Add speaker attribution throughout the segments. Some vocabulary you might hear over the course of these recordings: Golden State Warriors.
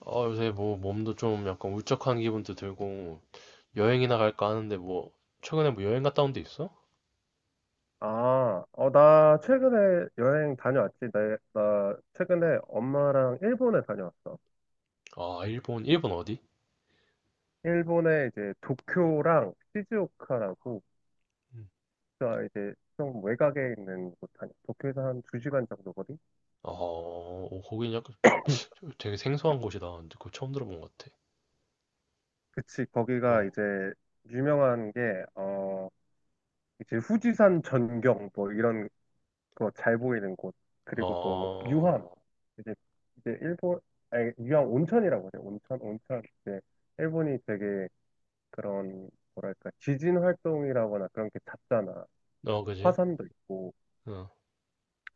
Speaker 1: 어, 요새 뭐 몸도 좀 약간 울적한 기분도 들고 여행이나 갈까 하는데 뭐 최근에 뭐 여행 갔다 온 데 있어?
Speaker 2: 아, 어, 나 최근에 여행 다녀왔지. 나 최근에 엄마랑 일본에 다녀왔어.
Speaker 1: 아, 일본, 일본 어디?
Speaker 2: 일본에 이제 도쿄랑 시즈오카라고,
Speaker 1: 음.
Speaker 2: 도쿄가 이제 좀 외곽에 있는 곳 다녀. 도쿄에서 한 2시간 정도 거리?
Speaker 1: 어, 어, 거긴 약간 되게 생소한 곳이다. 근데 그거 처음 들어본 것 같아.
Speaker 2: 그치, 거기가
Speaker 1: 어,
Speaker 2: 이제 유명한 게, 어, 이제 후지산 전경 뭐 이런 거 잘 보이는 곳. 그리고 뭐
Speaker 1: 어,
Speaker 2: 유황. 이제, 이제 일본, 아니, 유황 온천이라고 해요. 온천, 온천. 이제 일본이 되게 그런 뭐랄까 지진 활동이라거나 그런 게 잦잖아.
Speaker 1: 어, 그지?
Speaker 2: 화산도 있고
Speaker 1: 어,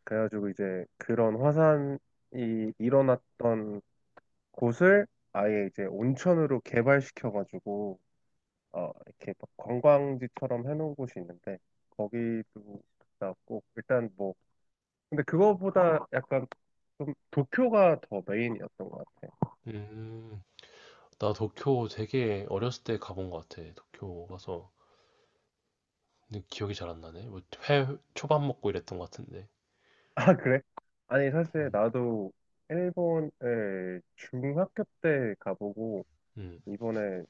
Speaker 2: 그래가지고 이제 그런 화산이 일어났던 곳을 아예 이제 온천으로 개발시켜가지고 어 이렇게 막 관광지처럼 해놓은 곳이 있는데 거기도 갔다 왔고 일단 뭐 근데 그거보다 약간 좀 도쿄가 더 메인이었던 것 같아.
Speaker 1: 음, 나 도쿄 되게 어렸을 때 가본 것 같아. 도쿄 가서 근데 기억이 잘 안 나네. 뭐회 초밥 먹고 이랬던 것 같은데.
Speaker 2: 아 그래? 아니 사실
Speaker 1: 음,
Speaker 2: 나도 일본을 중학교 때 가보고
Speaker 1: 음,
Speaker 2: 이번에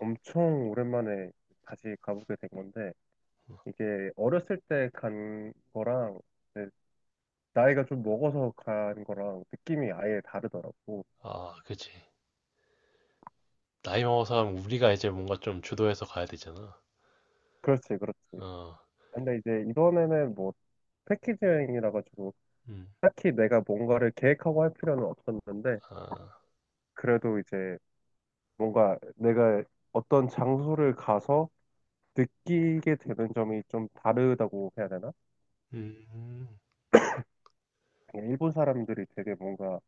Speaker 2: 엄청 오랜만에 다시 가보게 된 건데, 이게 어렸을 때 간 거랑, 이제 나이가 좀 먹어서 간 거랑 느낌이 아예 다르더라고.
Speaker 1: 아, 그지. 나이 먹어서 가면 우리가 이제 뭔가 좀 주도해서 가야 되잖아.
Speaker 2: 그렇지, 그렇지.
Speaker 1: 어,
Speaker 2: 근데 이제 이번에는 뭐, 패키지 여행이라 가지고,
Speaker 1: 음.
Speaker 2: 딱히 내가 뭔가를 계획하고 할 필요는 없었는데,
Speaker 1: 아,
Speaker 2: 그래도 이제 뭔가 내가 어떤 장소를 가서 느끼게 되는 점이 좀 다르다고 해야 되나?
Speaker 1: 음.
Speaker 2: 그냥 일본 사람들이 되게 뭔가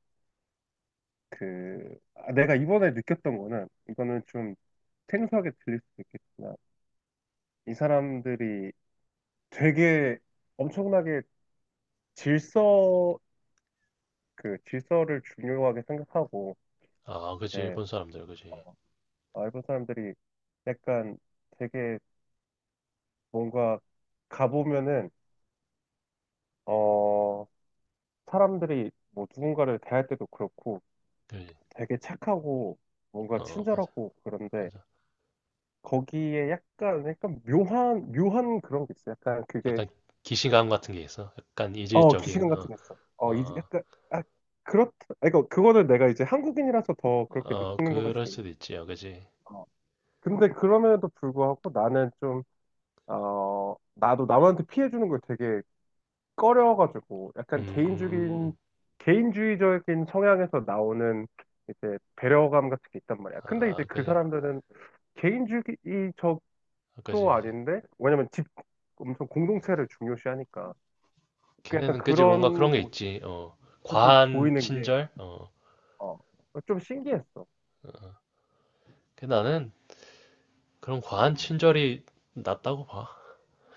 Speaker 2: 그 아, 내가 이번에 느꼈던 거는 이거는 좀 생소하게 들릴 수도 있겠지만 이 사람들이 되게 엄청나게 질서 그 질서를 중요하게 생각하고
Speaker 1: 아, 그지.
Speaker 2: 이제
Speaker 1: 일본 사람들, 그지.
Speaker 2: 아, 일본 사람들이 약간 되게 뭔가 가보면은 어 사람들이 뭐 누군가를 대할 때도 그렇고
Speaker 1: 그지.
Speaker 2: 되게 착하고 뭔가
Speaker 1: 어, 맞아,
Speaker 2: 친절하고 그런데
Speaker 1: 맞아.
Speaker 2: 거기에 약간 약간 묘한 묘한 그런 게 있어요. 약간 그게
Speaker 1: 약간 기시감 같은 게 있어. 약간
Speaker 2: 어,
Speaker 1: 이질적인,
Speaker 2: 기시감 같은
Speaker 1: 어,
Speaker 2: 게 있어. 어, 이제
Speaker 1: 어,
Speaker 2: 약간, 아, 그렇다. 그러니까 그거는 내가 이제 한국인이라서 더 그렇게
Speaker 1: 어,
Speaker 2: 느끼는 걸
Speaker 1: 그럴
Speaker 2: 수도 있는데.
Speaker 1: 수도 있지, 어, 그지.
Speaker 2: 어. 근데 그럼에도 불구하고 나는 좀, 어, 나도 남한테 피해주는 걸 되게 꺼려가지고, 약간
Speaker 1: 음.
Speaker 2: 개인주의적인 성향에서 나오는 이제 배려감 같은 게 있단 말이야. 근데 이제
Speaker 1: 아,
Speaker 2: 그
Speaker 1: 그지.
Speaker 2: 사람들은 개인주의적도
Speaker 1: 아, 그지, 그지.
Speaker 2: 아닌데, 왜냐면 엄청 공동체를 중요시하니까. 그 약간
Speaker 1: 걔네는 그지 뭔가 그런
Speaker 2: 그런
Speaker 1: 게 있지. 어,
Speaker 2: 모습을
Speaker 1: 과한
Speaker 2: 보이는 게
Speaker 1: 친절? 어,
Speaker 2: 어, 좀 신기했어.
Speaker 1: 그 나는 그런 과한 친절이 낫다고 봐.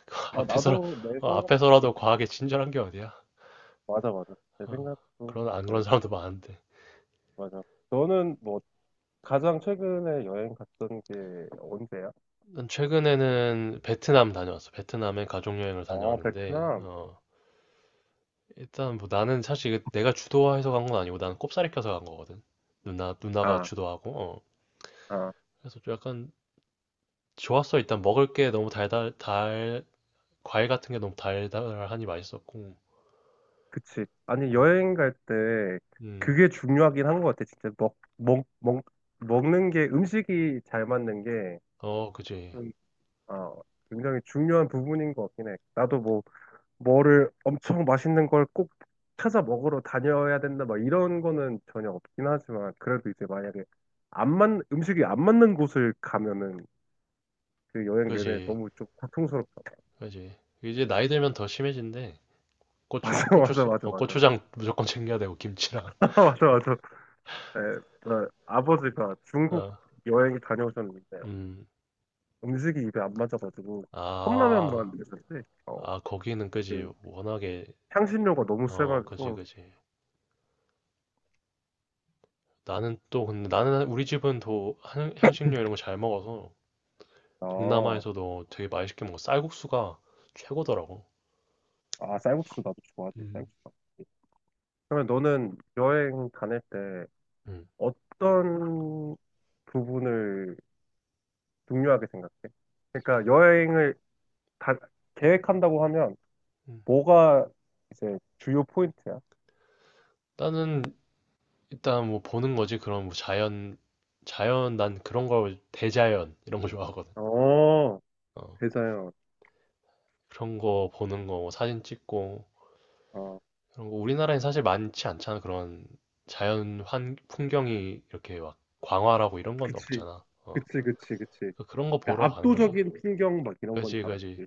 Speaker 2: 아
Speaker 1: 앞에서,
Speaker 2: 나도 내
Speaker 1: 어,
Speaker 2: 생각도
Speaker 1: 앞에서라도
Speaker 2: 그렇게 생각.
Speaker 1: 과하게 친절한 게 어디야?
Speaker 2: 맞아, 맞아. 내
Speaker 1: 어,
Speaker 2: 생각도
Speaker 1: 그런, 안 그런
Speaker 2: 그래.
Speaker 1: 사람도 많은데.
Speaker 2: 맞아. 너는 뭐 가장 최근에 여행 갔던 게 언제야?
Speaker 1: 최근에는 베트남 다녀왔어. 베트남에 가족여행을
Speaker 2: 어,
Speaker 1: 다녀왔는데,
Speaker 2: 베트남.
Speaker 1: 어, 일단 뭐 나는 사실 이게 내가 주도해서 간 건 아니고 나는 꼽사리 껴서 간 거거든. 누나가
Speaker 2: 아,
Speaker 1: 주도하고, 어.
Speaker 2: 아,
Speaker 1: 그래서 좀 약간 좋았어. 일단 먹을 게 너무 과일 같은 게 너무 달달하니 맛있었고,
Speaker 2: 그치. 아니
Speaker 1: 음,
Speaker 2: 여행 갈 때
Speaker 1: 음.
Speaker 2: 그게 중요하긴 한 것 같아. 진짜 먹는 게 음식이 잘 맞는 게
Speaker 1: 어, 그지,
Speaker 2: 음, 어, 굉장히 중요한 부분인 것 같긴 해. 나도 뭐 뭐를 엄청 맛있는 걸 꼭 찾아 먹으러 다녀야 된다, 막 이런 거는 전혀 없긴 하지만, 그래도 이제 만약에 안 맞, 음식이 안 맞는 곳을 가면은 그 여행 내내
Speaker 1: 그지,
Speaker 2: 너무 좀 고통스럽죠.
Speaker 1: 그지. 이제 나이 들면 더 심해진대. 고추,
Speaker 2: 맞아, 맞아,
Speaker 1: 고추,
Speaker 2: 맞아, 맞아.
Speaker 1: 고추장 무조건 챙겨야 되고, 김치랑.
Speaker 2: 맞아, 맞아. 예, 그 아버지가 중국
Speaker 1: 어,
Speaker 2: 여행 다녀오셨는데
Speaker 1: 음.
Speaker 2: 음식이 입에 안 맞아가지고
Speaker 1: 아,
Speaker 2: 컵라면만 드셨지. 어,
Speaker 1: 아, 거기는 그지.
Speaker 2: 그
Speaker 1: 워낙에,
Speaker 2: 향신료가 너무
Speaker 1: 어, 그지,
Speaker 2: 세가지고,
Speaker 1: 그지. 나는 또, 근데 나는 우리 집은 더 향신료 이런 거 잘 먹어서
Speaker 2: 아,
Speaker 1: 동남아에서도 되게 맛있게 먹어. 쌀국수가 최고더라고.
Speaker 2: 아, 쌀국수 나도 좋아하지,
Speaker 1: 음,
Speaker 2: 쌀국수. 맛있지. 그러면 너는 여행 다닐 때
Speaker 1: 음.
Speaker 2: 어떤 부분을 중요하게 생각해? 그러니까 여행을 다 계획한다고 하면
Speaker 1: 음.
Speaker 2: 뭐가 이제 주요 포인트야?
Speaker 1: 나는 일단 뭐 보는 거지. 그런 뭐 자연, 난 그런 걸, 대자연, 이런 거 좋아하거든.
Speaker 2: 어,
Speaker 1: 어,
Speaker 2: 대자연.
Speaker 1: 그런 거 보는 거뭐 사진 찍고,
Speaker 2: 어,
Speaker 1: 그런 거 우리나라엔 사실 많지 않잖아. 그런 자연 풍경이 이렇게 막 광활하고 이런 건
Speaker 2: 그치.
Speaker 1: 없잖아. 어.
Speaker 2: 그치, 그치, 그치.
Speaker 1: 그런 거
Speaker 2: 그러니까
Speaker 1: 보러 가는 거지.
Speaker 2: 압도적인 풍경 막 이런 건
Speaker 1: 그지,
Speaker 2: 잘
Speaker 1: 그지.
Speaker 2: 없지.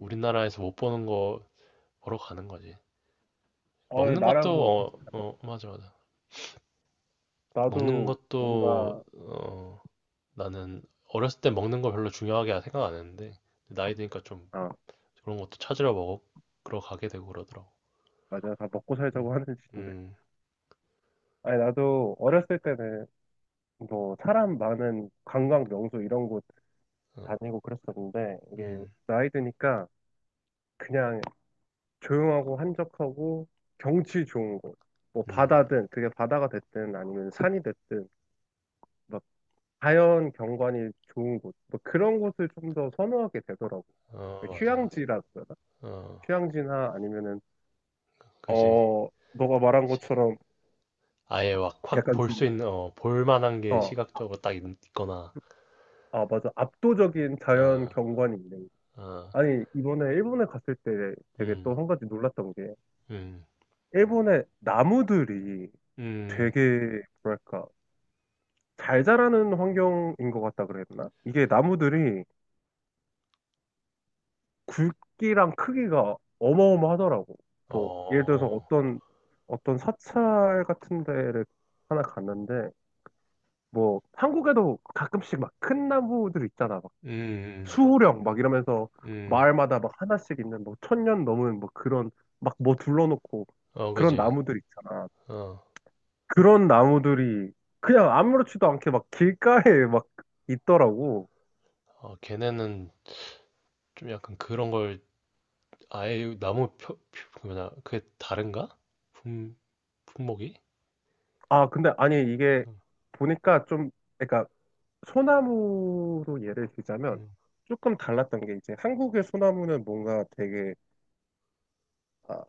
Speaker 2: 음.
Speaker 1: 못 보는 거 보러 가는 거지.
Speaker 2: 어,
Speaker 1: 먹는 것도,
Speaker 2: 나랑 좀 비슷,
Speaker 1: 어, 어, 맞아, 맞아. 먹는
Speaker 2: 나도
Speaker 1: 것도,
Speaker 2: 뭔가,
Speaker 1: 어, 나는 어렸을 때 먹는 거 별로 중요하게 생각 안 했는데, 나이 드니까 좀
Speaker 2: 아,
Speaker 1: 그런 것도 찾으러 먹어, 그러 가게 되고 그러더라고.
Speaker 2: 맞아. 다 먹고
Speaker 1: 음,
Speaker 2: 살자고 하는 짓인데.
Speaker 1: 음,
Speaker 2: 아니, 나도 어렸을 때는 뭐 사람 많은 관광 명소 이런 곳
Speaker 1: 어,
Speaker 2: 다니고 그랬었는데 이게
Speaker 1: 음,
Speaker 2: 나이 드니까 그냥 조용하고 한적하고 경치 좋은 곳, 뭐
Speaker 1: 음,
Speaker 2: 바다든 그게 바다가 됐든 아니면 산이 됐든 막 자연 경관이 좋은 곳, 뭐 그런 곳을 좀 더 선호하게 되더라고.
Speaker 1: 어,
Speaker 2: 그러니까
Speaker 1: 맞아, 맞아.
Speaker 2: 휴양지라고 해야 되나?
Speaker 1: 어,
Speaker 2: 휴양지나 아니면은
Speaker 1: 그지.
Speaker 2: 어 너가 말한
Speaker 1: 그지.
Speaker 2: 것처럼
Speaker 1: 아예 확, 확
Speaker 2: 약간
Speaker 1: 볼 수
Speaker 2: 좀
Speaker 1: 있는, 어, 볼 만한 게
Speaker 2: 어,
Speaker 1: 시각적으로 딱 있거나,
Speaker 2: 아 맞아 압도적인 자연
Speaker 1: 어,
Speaker 2: 경관이 있는.
Speaker 1: 어,
Speaker 2: 아니 이번에 일본에 갔을 때 되게
Speaker 1: 음,
Speaker 2: 또 한 가지 놀랐던 게
Speaker 1: 음.
Speaker 2: 일본의 나무들이
Speaker 1: 음.
Speaker 2: 되게 뭐랄까 잘 자라는 환경인 것 같다 그랬나? 이게 나무들이 굵기랑 크기가 어마어마하더라고. 뭐 예를 들어서
Speaker 1: 어,
Speaker 2: 어떤 사찰 같은 데를 하나 갔는데 뭐 한국에도 가끔씩 막 큰 나무들 있잖아. 막
Speaker 1: 음.
Speaker 2: 수호령 막 이러면서
Speaker 1: 음. 음.
Speaker 2: 마을마다 막 하나씩 있는 뭐 1000년 넘은 뭐 그런 막 뭐 둘러놓고
Speaker 1: 어,
Speaker 2: 그런
Speaker 1: 그지.
Speaker 2: 나무들 있잖아.
Speaker 1: 어,
Speaker 2: 그런 나무들이 그냥 아무렇지도 않게 막 길가에 막 있더라고.
Speaker 1: 어, 걔네는 좀 약간 그런 걸 아예 나무 그 뭐냐, 그게 다른가? 품, 품목이?
Speaker 2: 아, 근데 아니 이게
Speaker 1: 음,
Speaker 2: 보니까 좀 그러니까 소나무로 예를 들자면
Speaker 1: 음.
Speaker 2: 조금 달랐던 게 이제 한국의 소나무는 뭔가 되게 아,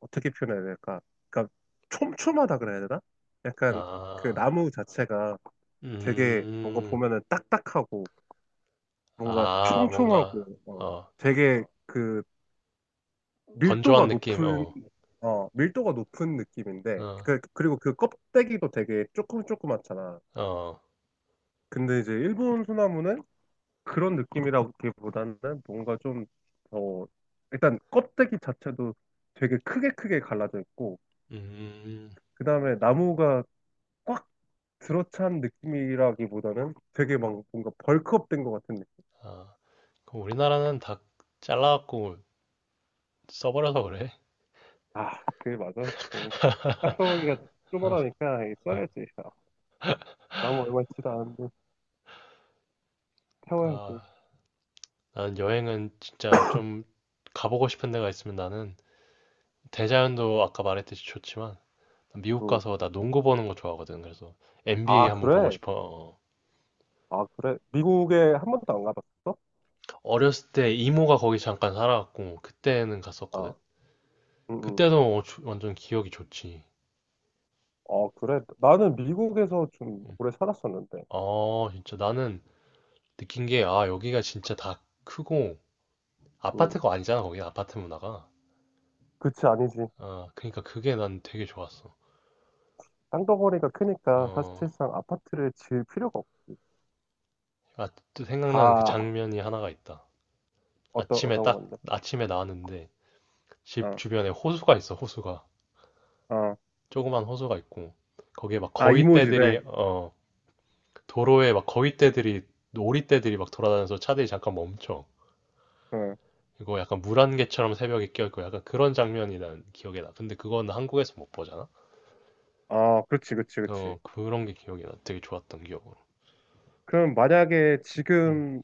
Speaker 2: 어떻게 표현해야 될까? 그러니까 촘촘하다 그래야 되나? 약간 그
Speaker 1: 아,
Speaker 2: 나무 자체가 되게 뭔가
Speaker 1: 음,
Speaker 2: 보면은 딱딱하고 뭔가
Speaker 1: 아, 뭔가,
Speaker 2: 촘촘하고 어,
Speaker 1: 어,
Speaker 2: 되게 그
Speaker 1: 건조한
Speaker 2: 밀도가
Speaker 1: 느낌,
Speaker 2: 높은
Speaker 1: 어,
Speaker 2: 어, 밀도가 높은 느낌인데
Speaker 1: 어,
Speaker 2: 그, 그리고 그 껍데기도 되게 조금 조그맣잖아.
Speaker 1: 어,
Speaker 2: 근데 이제 일본 소나무는 그런 느낌이라기보다는 뭔가 좀 더, 일단 껍데기 자체도 되게 크게 크게 갈라져 있고,
Speaker 1: 음,
Speaker 2: 그 다음에 나무가 꽉 들어찬 느낌이라기보다는 되게 막 뭔가 벌크업 된 것 같은 느낌.
Speaker 1: 아, 그럼 우리나라는 다 잘라갖고 써버려서 그래.
Speaker 2: 아, 그게 맞아. 음, 딱정이가 쪼그라니까 써야지. 아, 나무 얼마 있지도 않은데 태워야지. 응.
Speaker 1: 아, 나는 여행은 진짜 좀 가보고 싶은 데가 있으면 나는 대자연도 아까 말했듯이 좋지만 미국 가서 나 농구 보는 거 좋아하거든. 그래서 NBA
Speaker 2: 아,
Speaker 1: 한번 보고
Speaker 2: 그래?
Speaker 1: 싶어.
Speaker 2: 아, 그래? 미국에 한 번도 안 가봤어?
Speaker 1: 어렸을 때 이모가 거기 잠깐 살아갖고 그때는 갔었거든.
Speaker 2: 아, 응, 응.
Speaker 1: 그때도 완전 기억이 좋지.
Speaker 2: 어, 그래. 나는 미국에서 좀 오래 살았었는데.
Speaker 1: 어, 진짜 나는 느낀 게, 아, 여기가 진짜 다 크고,
Speaker 2: 응.
Speaker 1: 아파트가 아니잖아, 거기 아파트 문화가.
Speaker 2: 그치, 아니지.
Speaker 1: 아, 그러니까 그게 난 되게 좋았어.
Speaker 2: 땅덩어리가 크니까
Speaker 1: 어,
Speaker 2: 사실상 아파트를 지을 필요가 없지.
Speaker 1: 아, 또 생각나는 그
Speaker 2: 다
Speaker 1: 장면이 하나가 있다.
Speaker 2: 어떤
Speaker 1: 아침에
Speaker 2: 어떤
Speaker 1: 딱
Speaker 2: 건데?
Speaker 1: 아침에 나왔는데 집
Speaker 2: 어,
Speaker 1: 주변에 호수가 있어 호수가
Speaker 2: 어.
Speaker 1: 조그만 호수가 있고 거기에 막
Speaker 2: 아,
Speaker 1: 거위떼들이
Speaker 2: 이모집에.
Speaker 1: 도로에 막 거위떼들이 오리떼들이 막 돌아다녀서 차들이 잠깐 멈춰
Speaker 2: 어.
Speaker 1: 이거 약간 물안개처럼 새벽에 껴있고 약간 그런 장면이 난 기억에 나 근데 그건 한국에서 못 보잖아.
Speaker 2: 아, 그렇지, 그렇지, 그렇지.
Speaker 1: 어 그런 게 기억이 나 되게 좋았던 기억으로.
Speaker 2: 그럼 만약에
Speaker 1: 음
Speaker 2: 지금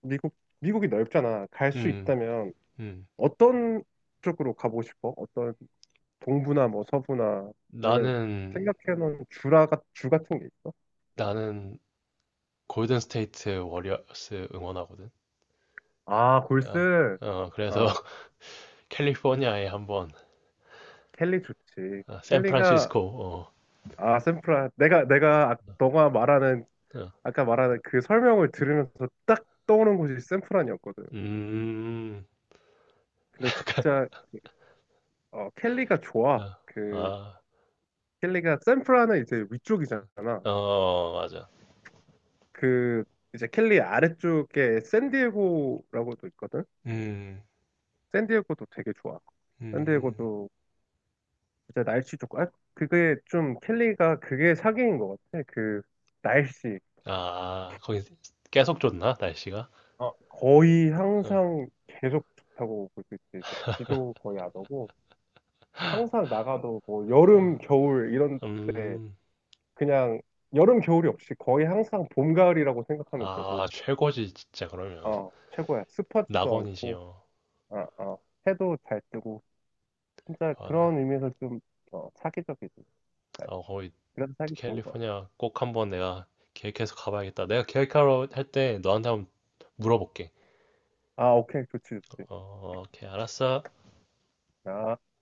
Speaker 2: 미국 미국이 넓잖아. 갈 수
Speaker 1: 음,
Speaker 2: 있다면
Speaker 1: 음.
Speaker 2: 어떤 쪽으로 가보고 싶어? 어떤 동부나 뭐 서부나 아니면
Speaker 1: 나는
Speaker 2: 생각해놓은 주 같은 게 있어?
Speaker 1: 나는 골든 스테이트 워리어스 응원하거든.
Speaker 2: 아,
Speaker 1: 아,
Speaker 2: 골스.
Speaker 1: 어 그래서
Speaker 2: 아,
Speaker 1: 캘리포니아에 한번
Speaker 2: 켈리 좋지.
Speaker 1: 아,
Speaker 2: 켈리가
Speaker 1: 샌프란시스코. 어.
Speaker 2: 아, 샌프란. 내가 너가 말하는
Speaker 1: 어.
Speaker 2: 아까 말한 그 설명을 들으면서 딱 떠오른 곳이 샌프란이었거든.
Speaker 1: 음.
Speaker 2: 근데 진짜 어, 켈리가
Speaker 1: 아,
Speaker 2: 좋아. 그
Speaker 1: 아.
Speaker 2: 켈리가 샌프란은 이제 위쪽이잖아.
Speaker 1: 어, 맞아.
Speaker 2: 그 이제 켈리 아래쪽에 샌디에고라고도 있거든.
Speaker 1: 음.
Speaker 2: 샌디에고도 되게 좋아.
Speaker 1: 음.
Speaker 2: 샌디에고도 진짜 날씨 좋고 아, 그게 좀 켈리가 그게 사기인 것 같아. 그 날씨
Speaker 1: 아, 거기 계속 좋나? 날씨가?
Speaker 2: 어, 거의
Speaker 1: 어,
Speaker 2: 항상 계속 좋다고 볼 수 있지. 그 비도 거의 안 오고. 항상 나가도 뭐
Speaker 1: 어.
Speaker 2: 여름, 겨울 이런 때
Speaker 1: 음.
Speaker 2: 그냥 여름, 겨울이 없이 거의 항상 봄, 가을이라고 생각하면 되고,
Speaker 1: 아, 최고지 진짜 그러면.
Speaker 2: 어, 최고야. 습하지도 않고,
Speaker 1: 낙원이지요.
Speaker 2: 어, 어, 해도 잘 뜨고, 진짜
Speaker 1: 아,
Speaker 2: 그런 의미에서 좀, 어, 사기적이지. 네,
Speaker 1: 아, 거기
Speaker 2: 그래서 사기 좋은 것 같아.
Speaker 1: 캘리포니아 꼭 한번 내가 계획해서 가봐야겠다. 내가 계획하러 할 때 너한테 한번 물어볼게.
Speaker 2: 아, 오케이. 좋지, 좋지.
Speaker 1: 어, 오케이, 알았어.
Speaker 2: 아.